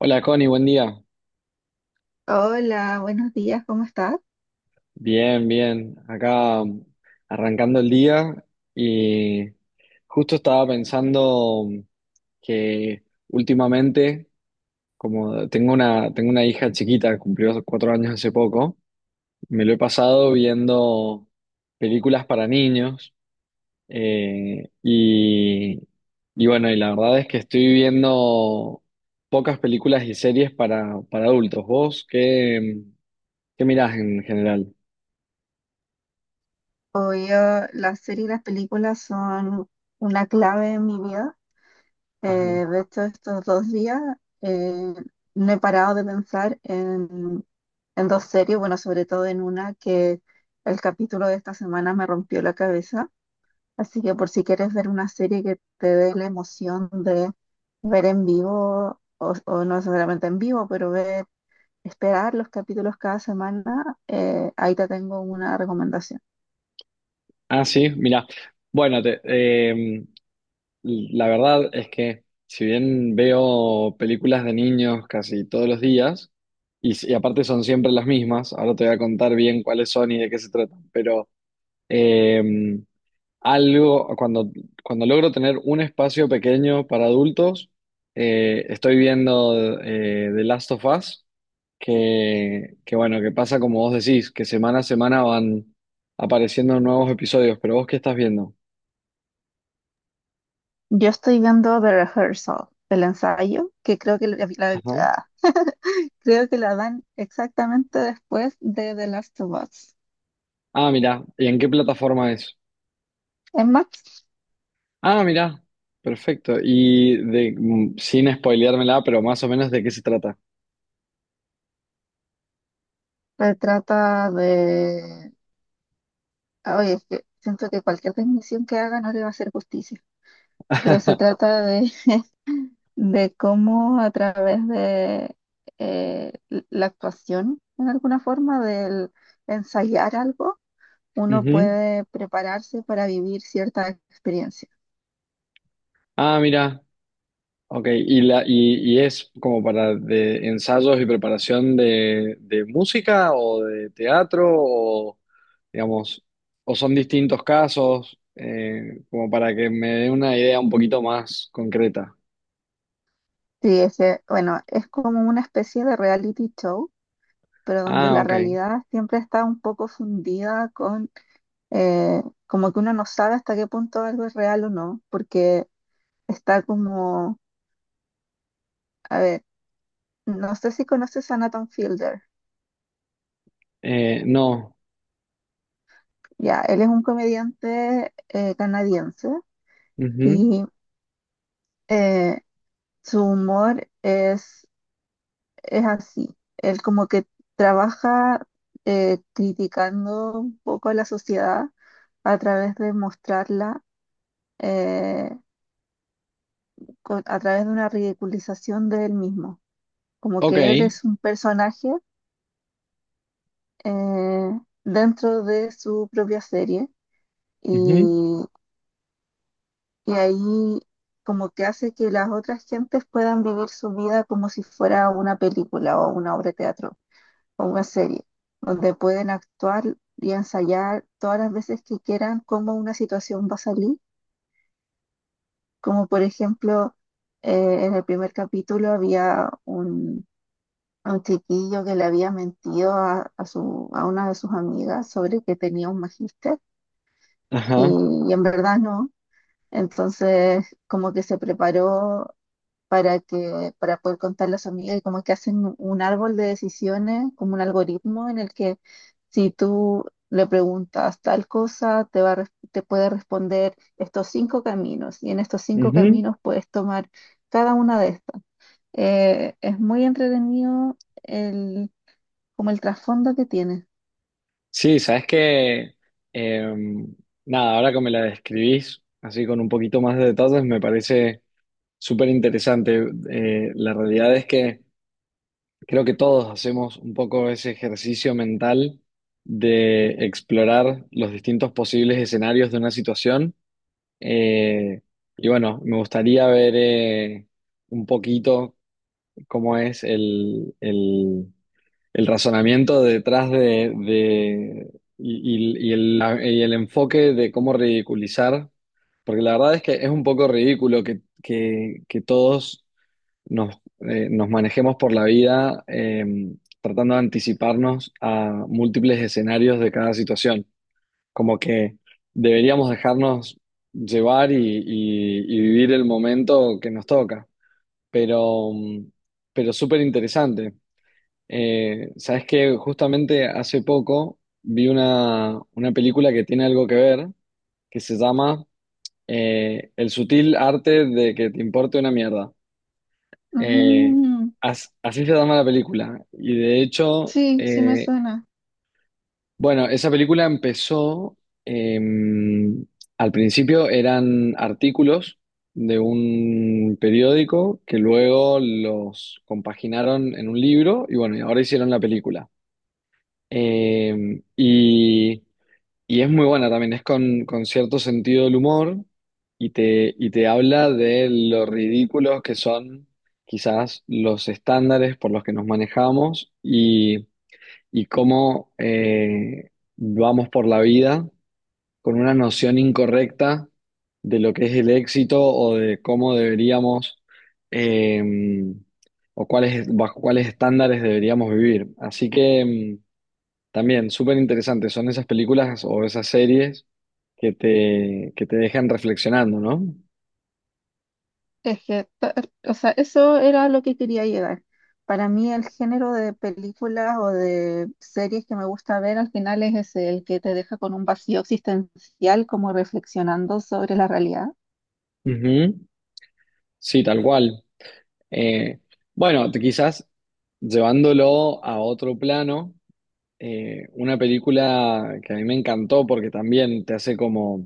Hola Connie, buen día. Hola, buenos días, ¿cómo estás? Bien, bien. Acá arrancando el día y justo estaba pensando, que últimamente, como tengo una hija chiquita, cumplió cuatro años hace poco, me lo he pasado viendo películas para niños, eh, y, y bueno, y la verdad es que estoy viendo pocas películas y series para adultos. ¿Vos qué mirás en general? Obvio, las series y las películas son una clave en mi vida. Eh, de hecho, estos dos días eh, no he parado de pensar en dos series, bueno, sobre todo en una que el capítulo de esta semana me rompió la cabeza. Así que por si quieres ver una serie que te dé la emoción de ver en vivo, o no necesariamente en vivo, pero ver, esperar los capítulos cada semana, ahí te tengo una recomendación. Ah, sí, mira. Bueno, la verdad es que si bien veo películas de niños casi todos los días, y, si- y aparte son siempre las mismas, ahora te voy a contar bien cuáles son y de qué se tratan, pero em, algo, cuando logro tener un espacio pequeño para adultos, estoy viendo The Last of Us, que bueno, que pasa como vos decís, que semana a semana van apareciendo nuevos episodios, pero ¿vos qué estás viendo? Yo estoy viendo The Rehearsal, el ensayo, que creo que Ajá. Creo que la dan exactamente después de The Last of Us. Ah, mira, ¿y en qué plataforma es? En Max Ah, mira, perfecto. Y de, sin spoileármela, pero más o menos de qué se trata. se trata de... ah, oye, es que siento que cualquier definición que haga no le va a hacer justicia, pero se trata de cómo a través de eh, la actuación, en alguna forma, del ensayar algo, uno Ujú. puede prepararse para vivir cierta experiencia. Ah, mira. Ok, y es como para de ensayos y preparación de música o de teatro o, digamos, o son distintos casos, como para que me dé una idea un poquito más concreta. Sí, ese, bueno, es como una especie de reality show, pero donde Ah, la ok. realidad siempre está un poco fundida con, eh, como que uno no sabe hasta qué punto algo es real o no, porque está como, a ver, no sé si conoces a Nathan Fielder, No. ya, él es un comediante canadiense Ujú. y eh, su humor es así. Él como que trabaja criticando un poco a la sociedad a través de mostrarla, eh, a través de una ridiculización de él mismo. Como Ok. que él es un personaje dentro de su propia serie Ujú. y, y ahí como que hace que las otras gentes puedan vivir su vida como si fuera una película o una obra de teatro, o una serie, donde pueden actuar y ensayar todas las veces que quieran cómo una situación va a salir. Como por ejemplo, en el primer capítulo había un chiquillo que le había mentido a una de sus amigas sobre que tenía un magíster y, Ajá. y en verdad no. Entonces, como que se preparó para poder contarle a su amiga, y como que hacen un árbol de decisiones, como un algoritmo en el que si tú le preguntas tal cosa, te puede responder estos cinco caminos, y en estos cinco Ujú. caminos puedes tomar cada una de estas. Es muy entretenido el, como el trasfondo que tiene. Sí, sabes que, em, nada, ahora que me la describís así con un poquito más de detalles, me parece súper interesante. La realidad es que creo que todos hacemos un poco ese ejercicio mental de explorar los distintos posibles escenarios de una situación. Eh, y bueno, me gustaría ver, un poquito cómo es el razonamiento detrás y, y el enfoque de cómo ridiculizar, porque la verdad es que es un poco ridículo que, que todos nos, nos manejemos por la vida, tratando de anticiparnos a múltiples escenarios de cada situación. Como que deberíamos dejarnos llevar y vivir el momento que nos toca. Pero, pero súper interesante. Sabes que justamente hace poco vi una película que tiene algo que ver, que se llama, El sutil arte de que te importe una mierda. Eh, Mm, así se llama la película. Y de hecho, sí, sí me suena. bueno, esa película empezó, eh, al principio eran artículos de un periódico que luego los compaginaron en un libro y bueno, y ahora hicieron la película. Eh, y y es muy buena también, es con cierto sentido del humor y te habla de lo ridículos que son quizás los estándares por los que nos manejamos y cómo, vamos por la vida con una noción incorrecta de lo que es el éxito o de cómo deberíamos, eh, bajo cuáles estándares deberíamos vivir. Así que... también, súper interesante. Son esas películas o esas series que te dejan reflexionando, ¿no? Es que, o sea, eso era lo que quería llegar. Para mí el género de películas o de series que me gusta ver al final es ese, el que te deja con un vacío existencial, como reflexionando sobre la realidad. Ujú. Sí, tal cual. Eh, bueno, quizás llevándolo a otro plano, una película que a mí me encantó porque también te hace como,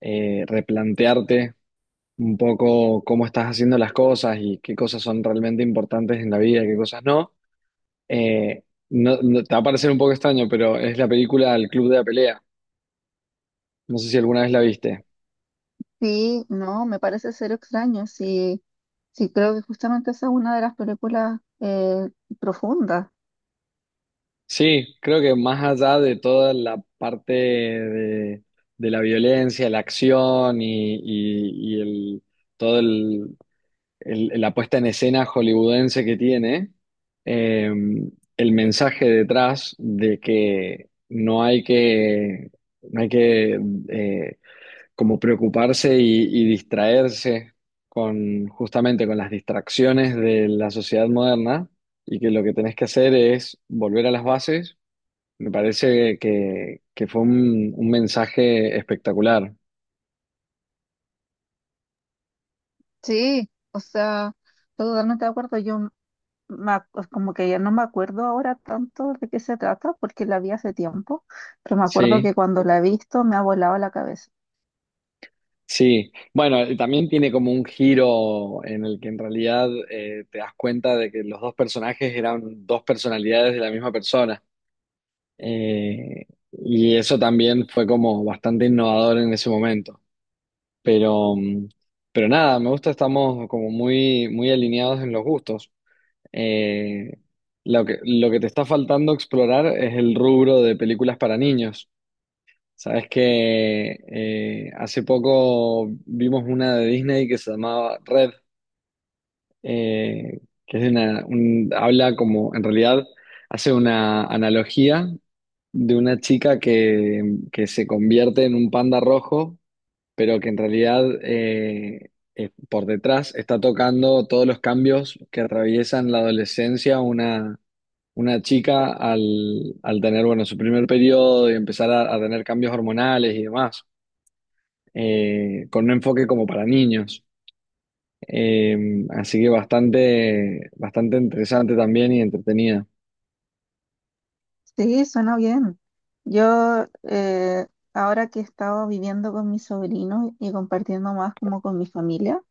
replantearte un poco cómo estás haciendo las cosas y qué cosas son realmente importantes en la vida y qué cosas no. Eh, no, te va a parecer un poco extraño, pero es la película El Club de la Pelea. No sé si alguna vez la viste. Sí, no, me parece ser extraño. Sí, sí, creo que justamente esa es una de las películas profundas. Sí, creo que más allá de toda la parte de la violencia, la acción y el, todo el, la puesta en escena hollywoodense que tiene, eh, el mensaje detrás de que no hay que, no hay que, eh, como preocuparse y distraerse con, justamente con las distracciones de la sociedad moderna y que lo que tenés que hacer es volver a las bases. Me parece que fue un mensaje espectacular. Sí, o sea, estoy totalmente de acuerdo. Yo como que ya no me acuerdo ahora tanto de qué se trata, porque la vi hace tiempo, pero me acuerdo Sí, que cuando la he visto me ha volado la cabeza. sí. Bueno, y también tiene como un giro en el que en realidad, te das cuenta de que los dos personajes eran dos personalidades de la misma persona. Eh, y eso también fue como bastante innovador en ese momento. Pero, pero nada, me gusta, estamos como muy, muy alineados en los gustos. Eh, lo que te está faltando explorar es el rubro de películas para niños. Sabes que, hace poco vimos una de Disney que se llamaba Red, eh, que es una, habla como, en realidad, hace una analogía de una chica que se convierte en un panda rojo pero que en realidad, por detrás está tocando todos los cambios que atraviesan la adolescencia una chica al, al tener, bueno, su primer periodo y empezar a tener cambios hormonales y demás, con un enfoque como para niños. Así que bastante, bastante interesante también y entretenida. Sí, suena bien. Yo, ahora que he estado viviendo con mi sobrino y compartiendo más como con mi familia,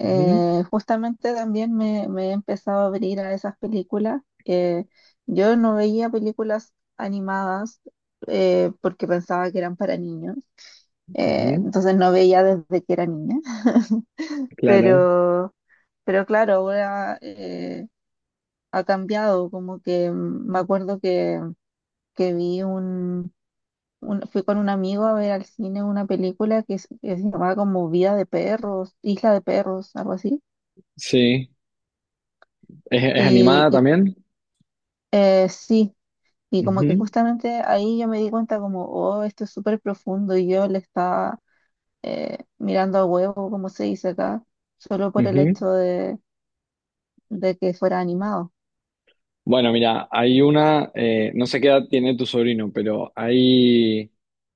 Ujú, justamente también me he empezado a abrir a esas películas. Yo no veía películas animadas porque pensaba que eran para niños. Ujú, Entonces no veía desde que era niña. claro, Pero, pero claro, ahora ha cambiado, como que me acuerdo que vi fui con un amigo a ver al cine una película que se llamaba como Vida de Perros, Isla de Perros, algo así. sí. Es Y, animada y, también? Sí, y como que Ujú, justamente ahí yo me di cuenta como, oh, esto es súper profundo y yo le estaba mirando a huevo, como se dice acá, solo por el ujú. hecho de que fuera animado. Bueno, mira, hay una, no sé qué edad tiene tu sobrino, pero hay,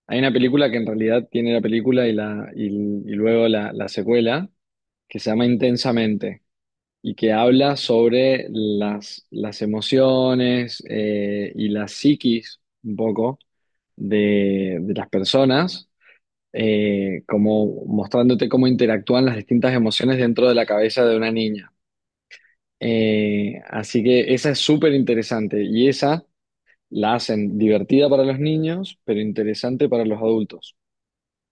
hay una película que en realidad tiene la película y luego la secuela, que se llama Intensamente, y que habla sobre las emociones, y la psiquis un poco de las personas, como mostrándote cómo interactúan las distintas emociones dentro de la cabeza de una niña. Así que esa es súper interesante y esa la hacen divertida para los niños, pero interesante para los adultos.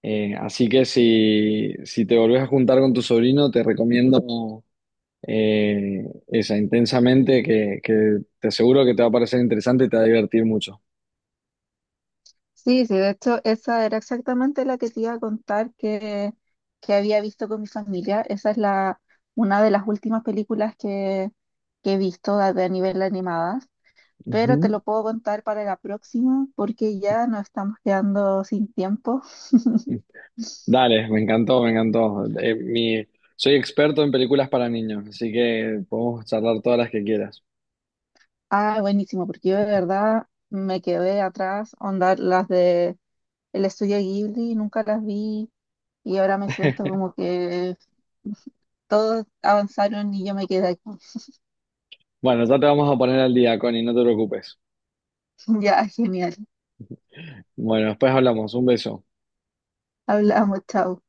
Así que si, si te volvés a juntar con tu sobrino, te recomiendo, esa intensamente, que te aseguro que te va a parecer interesante y te va a divertir mucho. Sí, sí, de hecho, esa era exactamente la que te iba a contar que había visto con mi familia. Esa es la, una de las últimas películas que he visto a nivel animadas, pero te Ujú. lo puedo contar para la próxima porque ya nos estamos quedando sin tiempo. Dale, me encantó, me encantó. Soy experto en películas para niños, así que podemos charlar todas las que quieras. Ah, buenísimo, porque yo de verdad me quedé atrás, onda, las de el estudio Ghibli nunca las vi, y ahora me siento como que todos avanzaron y yo me quedé aquí. Bueno, ya te vamos a poner al día, Connie, no te preocupes. Ya, genial. Bueno, después hablamos. Un beso. Hablamos, chao.